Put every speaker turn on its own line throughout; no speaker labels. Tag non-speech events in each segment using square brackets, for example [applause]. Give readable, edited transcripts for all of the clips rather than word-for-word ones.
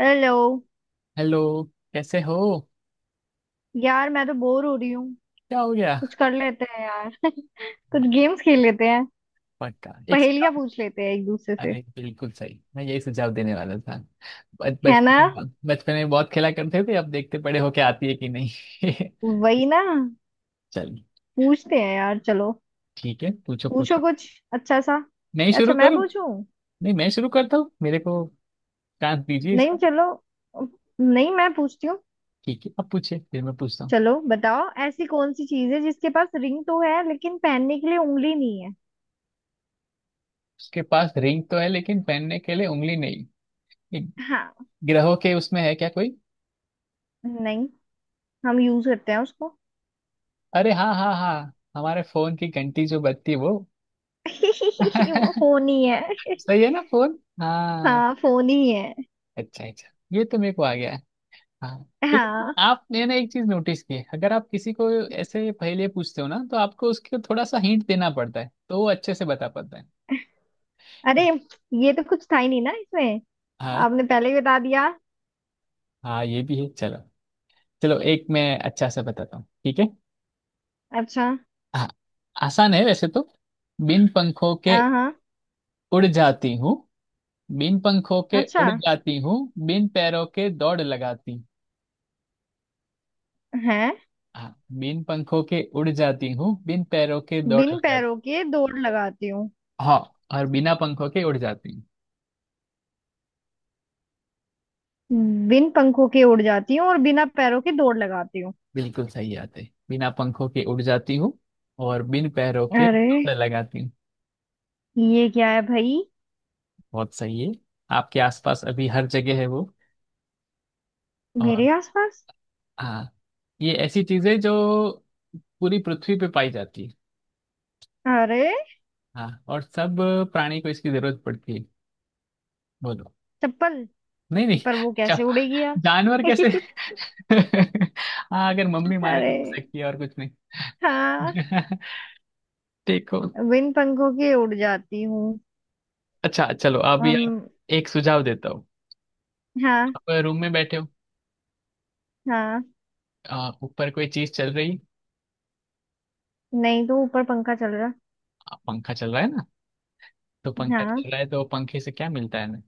Hello.
Hello. कैसे हो?
यार मैं तो बोर हो रही हूँ।
क्या हो गया?
कुछ कर लेते हैं यार [laughs] कुछ गेम्स खेल लेते हैं।
पक्का, एक सुझाव।
पहेलियां पूछ लेते हैं एक दूसरे से।
अरे बिल्कुल सही, मैं यही सुझाव देने वाला था।
है ना।
बचपन में बहुत खेला करते थे, अब देखते बड़े होके आती है कि नहीं। [laughs]
वही ना।
चलिए।
पूछते हैं यार, चलो।
ठीक है, पूछो
पूछो
पूछो
कुछ अच्छा सा।
नहीं, शुरू
अच्छा मैं
करूँ?
पूछूं।
नहीं, मैं शुरू करता हूँ, मेरे को चांस दीजिए
नहीं
इसका।
चलो। नहीं मैं पूछती हूँ।
ठीक है, अब पूछिए, फिर मैं पूछता हूँ।
चलो बताओ, ऐसी कौन सी चीज है जिसके पास रिंग तो है लेकिन पहनने के लिए उंगली नहीं है।
उसके पास रिंग तो है लेकिन पहनने के लिए उंगली नहीं? ये
हाँ।
ग्रहों के उसमें है क्या कोई?
नहीं। हम यूज करते हैं उसको।
अरे हाँ हाँ हाँ हमारे फोन की घंटी जो बजती है वो। [laughs]
[laughs] वो फोन ही है।
सही है ना, फोन? हाँ।
हाँ फोन ही है।
अच्छा अच्छा, ये तो मेरे को आ गया है। हाँ, लेकिन
हाँ।
आपने ना एक चीज नोटिस की है, अगर आप किसी को ऐसे पहले पूछते हो ना, तो आपको उसके थोड़ा सा हिंट देना पड़ता है, तो वो अच्छे से बता पाता
अरे,
है।
ये तो कुछ था ही नहीं ना इसमें।
हाँ
आपने पहले ही बता दिया।
हाँ, ये भी है। चलो, चलो, एक मैं अच्छा सा बताता हूँ, ठीक है?
अच्छा।
हाँ, आसान है वैसे तो। बिन पंखों के
हाँ हाँ।
उड़ जाती हूँ, बिन पंखों के
अच्छा
उड़ जाती हूँ, बिन पैरों के दौड़ लगाती।
है।
हाँ, बिन पंखों के उड़ जाती हूँ, बिन पैरों के दौड़
बिन
लगाती।
पैरों के दौड़ लगाती हूँ।
हाँ, और बिना पंखों के उड़ जाती हूँ।
बिन पंखों के उड़ जाती हूँ और बिना पैरों के दौड़ लगाती हूँ।
बिल्कुल सही बात है, बिना पंखों के उड़ जाती हूँ और बिन पैरों के
अरे,
डोर लगाती हूँ।
ये क्या है भाई।
बहुत सही है। आपके आसपास अभी हर जगह है वो। और
मेरे आसपास।
हाँ, ये ऐसी चीज है जो पूरी पृथ्वी पे पाई जाती है।
अरे,
हाँ, और सब प्राणी को इसकी जरूरत पड़ती है। बोलो।
चप्पल।
नहीं नहीं,
पर वो कैसे
जब
उड़ेगी यार।
जानवर कैसे?
[laughs]
[laughs] हाँ, अगर मम्मी मारे तो
अरे
हो सकती है, और कुछ नहीं।
हाँ,
[laughs] देखो,
बिन पंखों के उड़ जाती हूँ।
अच्छा, चलो अभी आप,
हम।
एक सुझाव देता हूँ।
हाँ
आप रूम में बैठे हो।
हाँ।
ऊपर कोई चीज चल रही?
नहीं तो, ऊपर पंखा चल रहा।
अब पंखा चल रहा है ना, तो पंखा
हाँ,
चल रहा है, तो पंखे से क्या मिलता है हमें?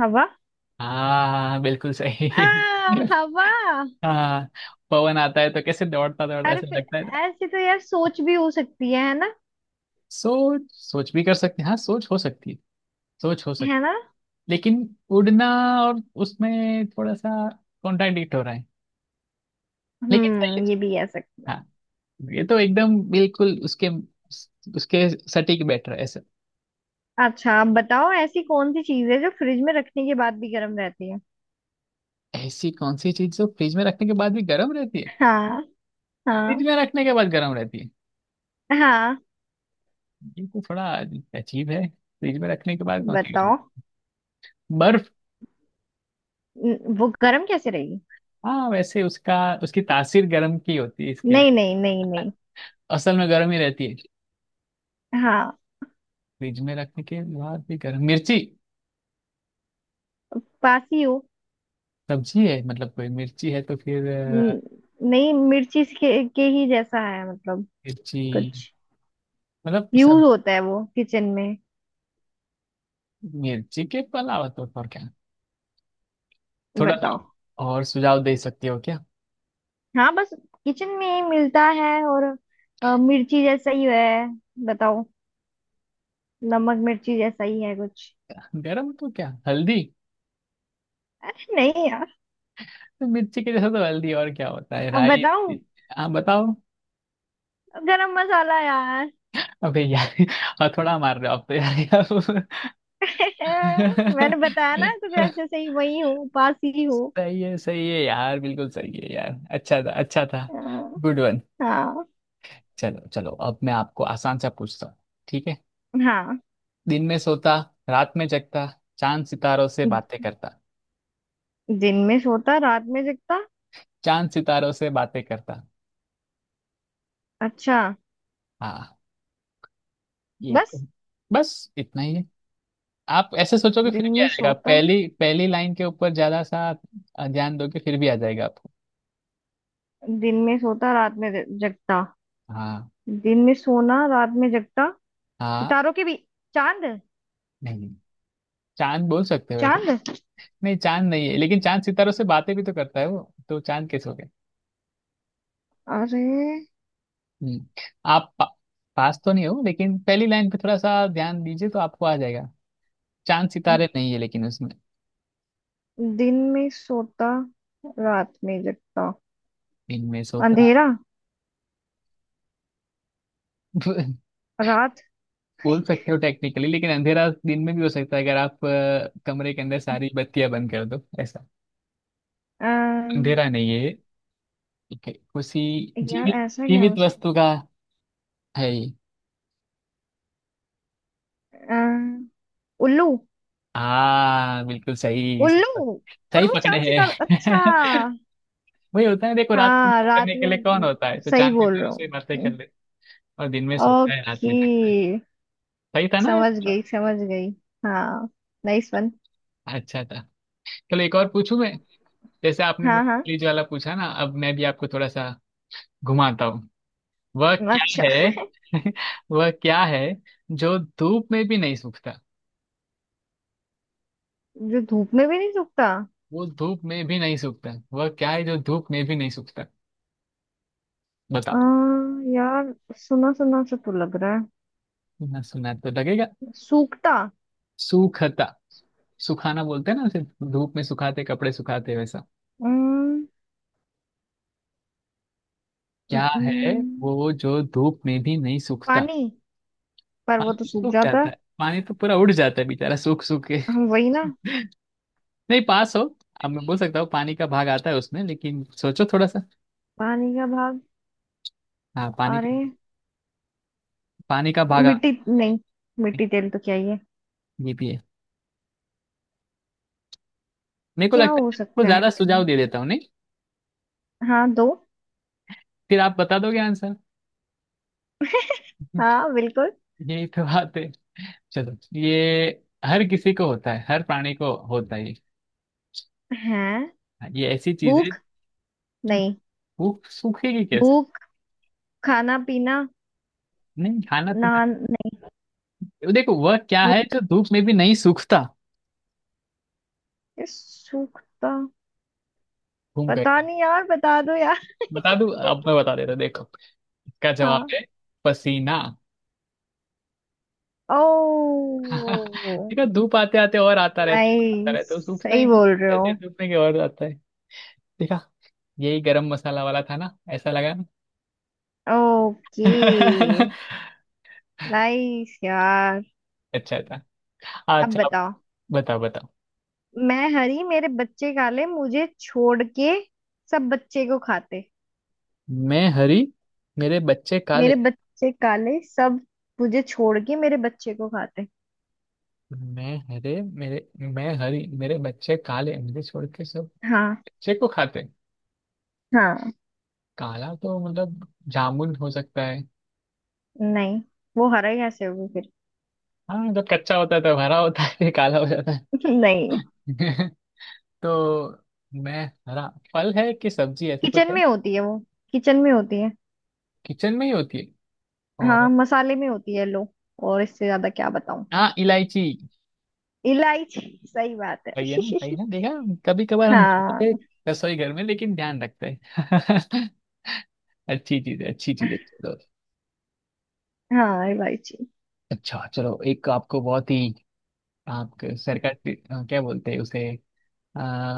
हवा।
हाँ हाँ हाँ, बिल्कुल सही। [laughs]
हवा।
हाँ, पवन आता है तो कैसे दौड़ता दौड़ता
अरे
ऐसा
फिर,
लगता है ना।
ऐसी तो यार सोच भी हो सकती है ना।
सोच सोच भी कर सकते हैं, हाँ, सोच हो सकती है, सोच हो सकती।
है ना।
लेकिन उड़ना और उसमें थोड़ा सा कॉन्ट्राडिक्ट हो रहा है, लेकिन सही
हम्म, ये
है।
भी कह सकते हैं।
हाँ, ये तो एकदम बिल्कुल उसके उसके सटीक बैटर है ऐसा।
अच्छा आप बताओ, ऐसी कौन सी चीज है जो फ्रिज में रखने के बाद भी गर्म रहती है।
ऐसी कौन सी चीज जो फ्रिज में रखने के बाद भी गर्म रहती है?
हाँ
फ्रिज
हाँ
में रखने के बाद गर्म रहती है
हाँ।
को थोड़ा अजीब है। फ्रिज में रखने के बाद कौन खाएगा?
बताओ।
बर्फ?
वो गर्म कैसे रहेगी।
हाँ, वैसे उसका, उसकी तासीर गर्म की होती है, इसके
नहीं
लिए
नहीं नहीं नहीं।
असल में गर्म ही रहती है।
हाँ,
फ्रिज में रखने के बाद भी गर्म, मिर्ची
पास ही हो।
सब्जी है, मतलब कोई मिर्ची है तो फिर? अ,
न- नहीं मिर्ची के, ही जैसा है मतलब।
मिर्ची,
कुछ
मतलब
यूज
सब
होता है वो किचन में।
मिर्ची के तो अलावा तो और क्या, थोड़ा
बताओ।
तो और सुझाव दे सकती हो क्या?
हाँ बस, किचन में ही मिलता है और मिर्ची जैसा ही है। बताओ। नमक मिर्ची जैसा ही है कुछ।
गर्म तो, क्या हल्दी?
नहीं यार।
तो मिर्ची के जैसा तो हल्दी, और क्या होता है?
अब
राई?
बताओ।
हाँ, बताओ।
गरम मसाला यार। [laughs]
अबे यार! [laughs] और थोड़ा मार रहे हो आप तो यार।
मैंने बताया ना, कुछ
[laughs]
ऐसे सही वही हो, पास ही हो।
सही है, सही है यार, बिल्कुल सही है यार। अच्छा था, अच्छा था।
अ,
गुड वन।
हाँ।
चलो चलो, अब मैं आपको आसान सा पूछता हूँ, ठीक है?
हाँ,
दिन में सोता, रात में जगता, चांद सितारों से बातें करता।
दिन में सोता रात में जगता।
चांद सितारों से बातें करता।
अच्छा।
हाँ, ये तो
बस।
बस इतना ही है। आप ऐसे सोचोगे
दिन
फिर भी आ
में
जाएगा,
सोता।
पहली पहली लाइन के ऊपर ज्यादा सा ध्यान दोगे फिर भी आ जाएगा आपको।
दिन में सोता रात में जगता।
हाँ
दिन में सोना रात में जगता।
हाँ।
सितारों के भी। चांद।
नहीं, चांद बोल सकते हो वैसे,
चांद।
नहीं चांद नहीं है, लेकिन चांद सितारों से बातें भी तो करता है वो, तो चांद कैसे हो गया?
अरे,
हम्म। आप पा, पास तो नहीं हो, लेकिन पहली लाइन पे थोड़ा सा ध्यान दीजिए तो आपको आ जाएगा। चांद सितारे नहीं है लेकिन उसमें।
दिन में सोता रात में जगता।
दिन में सोता।
अंधेरा।
[laughs]
रात।
बोल सकते हो टेक्निकली, लेकिन अंधेरा दिन में भी हो सकता है, अगर आप कमरे के अंदर सारी बत्तियां बंद कर दो, ऐसा
आ,
अंधेरा नहीं है। ठीक है, उसी
यार
जीवित
ऐसा क्या हो
जीवित
सकता।
वस्तु का है ये।
अ, उल्लू।
हाँ बिल्कुल सही,
उल्लू पर
सही
वो
पकड़े
चांद सितारा। अच्छा।
हैं। [laughs] वही होता है, देखो रात को
हाँ
बात
रात
करने के लिए कौन
में।
होता है, तो
सही
चांद की
बोल
तरह
रहा
से
हूँ।
ही बातें कर ले। और दिन में सोता है, रात में
ओके।
थकता है। सही था ना?
समझ गई समझ गई। हाँ। Nice one.
अच्छा था। चलो एक और पूछूं मैं। जैसे आपने मैं
हाँ। हाँ।
प्लीज वाला पूछा ना, अब मैं भी आपको थोड़ा सा घुमाता हूँ। वह
अच्छा।
क्या है, [laughs] वह क्या है जो धूप में भी नहीं सूखता?
जो धूप में भी नहीं सूखता।
वो धूप में भी नहीं सूखता। वह क्या है जो धूप में भी नहीं सूखता?
आ,
बताओ।
यार सुना सुना सा तो लग रहा है।
ना सुना तो लगेगा।
सूखता।
सूखता, सुखाना बोलते हैं ना, सिर्फ धूप में सुखाते, कपड़े सुखाते वैसा।
अम्म,
क्या है
हम्म,
वो जो धूप में भी नहीं सूखता?
पानी। पर
पानी
वो तो
तो
सूख
सूख
जाता
जाता
है।
है, पानी तो पूरा उड़ जाता है बेचारा सूख सूख के।
हम वही ना।
नहीं, पास हो। अब मैं बोल सकता हूँ पानी का भाग आता है उसमें, लेकिन सोचो थोड़ा सा।
पानी का भाग।
हाँ, पानी
अरे,
का। पानी का भाग आ-।
मिट्टी नहीं। मिट्टी तेल तो क्या ही है।
ये भी है। मेरे को
क्या
लगता है
हो
मैं आपको
सकता
ज्यादा
है।
सुझाव दे देता हूँ, नहीं?
हाँ दो।
फिर आप बता दोगे आंसर। [laughs]
हाँ बिल्कुल।
यही तो बात है। चलो, ये हर किसी को होता है, हर प्राणी को होता है ये।
है।
हाँ, ये ऐसी चीज है।
भूख। नहीं।
वो सूखेगी कैसे?
भूख। खाना पीना।
नहीं, खाना पीना।
नहा नहीं।
देखो वह क्या
भूख।
है जो धूप में भी नहीं सूखता?
ये सूखता।
घूम गए।
पता नहीं यार, बता दो यार।
बता दूं, अब मैं बता देता हूं, देखो, इसका जवाब
हाँ।
है पसीना। [laughs]
ओ।
देखा, धूप आते आते और आता रहता, आता रहता है,
नाइस।
तो सूखता ही
सही
नहीं।
बोल रहे हो।
ऐसे सूखने के और आता है। देखा? यही गरम मसाला वाला था ना, ऐसा लगा ना।
ओके।
[laughs]
नाइस यार।
अच्छा था।
अब
अच्छा, आप
बताओ।
बताओ, बताओ।
मैं हरी मेरे बच्चे काले, मुझे छोड़ के सब बच्चे को खाते।
मैं हरी, मेरे बच्चे काले।
मेरे बच्चे काले सब, मुझे छोड़ के मेरे बच्चे को खाते।
मैं हरे मेरे मैं हरी, मेरे बच्चे काले, मुझे छोड़ के सब
हाँ।
बच्चे को खाते हैं।
हाँ।
काला तो मतलब जामुन हो सकता है?
नहीं, वो हरा कैसे होगी फिर।
हाँ, जब कच्चा होता है तो हरा होता है, [laughs] काला हो जाता
[laughs] नहीं।
है। [laughs] तो मैं हरा, फल है कि सब्जी, ऐसा कुछ
किचन
है?
में होती है वो। किचन में होती है।
किचन में ही होती है?
हाँ
और
मसाले में होती है लो। और इससे ज्यादा क्या बताऊं।
हाँ, इलायची?
इलायची। सही बात है।
सही है ना,
[laughs]
सही ना, देखा। कभी कभार हम जाते हैं
हाँ।
रसोई घर में, लेकिन ध्यान रखते हैं। [laughs] अच्छी चीज है, अच्छी चीज है, चलो।
हाँ इलायची।
अच्छा, चलो एक आपको बहुत ही आपके सरकास्टिक, क्या बोलते हैं उसे,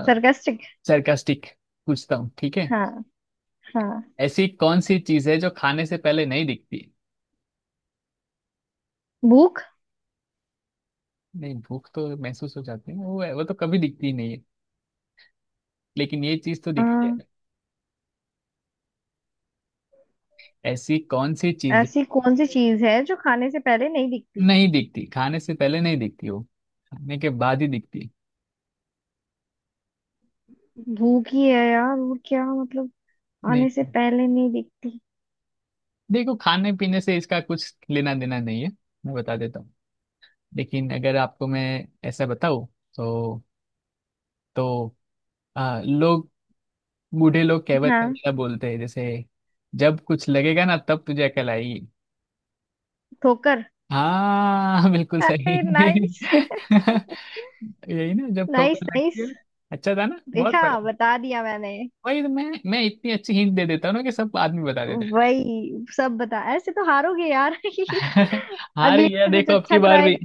सरकास्टिक।
सरकास्टिक पूछता हूँ, ठीक है?
हाँ। हाँ।
ऐसी कौन सी चीज है जो खाने से पहले नहीं दिखती?
भूख।
नहीं, भूख तो महसूस हो जाती है वो तो कभी दिखती ही नहीं है, लेकिन ये चीज तो दिखती है।
हाँ,
ऐसी कौन सी चीज
ऐसी कौन सी चीज है जो खाने से पहले नहीं दिखती।
नहीं दिखती, खाने से पहले नहीं दिखती वो, खाने के बाद ही दिखती।
भूख ही है यार, वो क्या मतलब।
नहीं,
आने से पहले नहीं दिखती।
देखो, खाने पीने से इसका कुछ लेना देना नहीं है। मैं बता देता हूँ, लेकिन अगर आपको मैं ऐसा बताऊँ तो, तो लोग, बूढ़े लोग कहावत में
हाँ।
ज्यादा बोलते हैं, जैसे जब कुछ लगेगा ना तब तुझे अकल आएगी।
ठोकर।
हाँ बिल्कुल सही।
नाइस
[laughs] यही ना, जब
नाइस।
ठोकर लगती
नाइस।
है। अच्छा था ना, बहुत
देखा,
बढ़िया।
बता दिया मैंने।
वही तो मैं इतनी अच्छी हिंट दे देता हूँ ना, कि सब आदमी बता देते हैं।
वही सब बता, ऐसे तो हारोगे यार। [laughs]
[laughs] हाँ रही है। [laughs] हार
अगली
गया
बार कुछ
देखो अब
अच्छा
की बार
ट्राई
भी।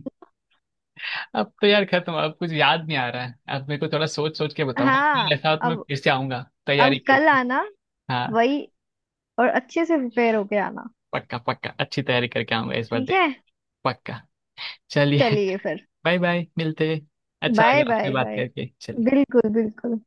अब तो यार खत्म, अब कुछ याद नहीं आ रहा है, अब मेरे को थोड़ा सोच सोच के
कर।
बताऊंगा, फिर
हाँ
ऐसा हो तो मैं
अब।
फिर से आऊंगा
अब
तैयारी
कल
करके।
आना।
हाँ
वही। और अच्छे से प्रिपेयर होके आना।
पक्का, पक्का अच्छी तैयारी करके आऊंगा इस बार,
ठीक
देख।
है।
पक्का। चलिए।
चलिए फिर।
[laughs] बाय बाय, मिलते हैं। अच्छा
बाय
लगा आपसे
बाय
बात
बाय।
करके। चलिए।
बिल्कुल बिल्कुल।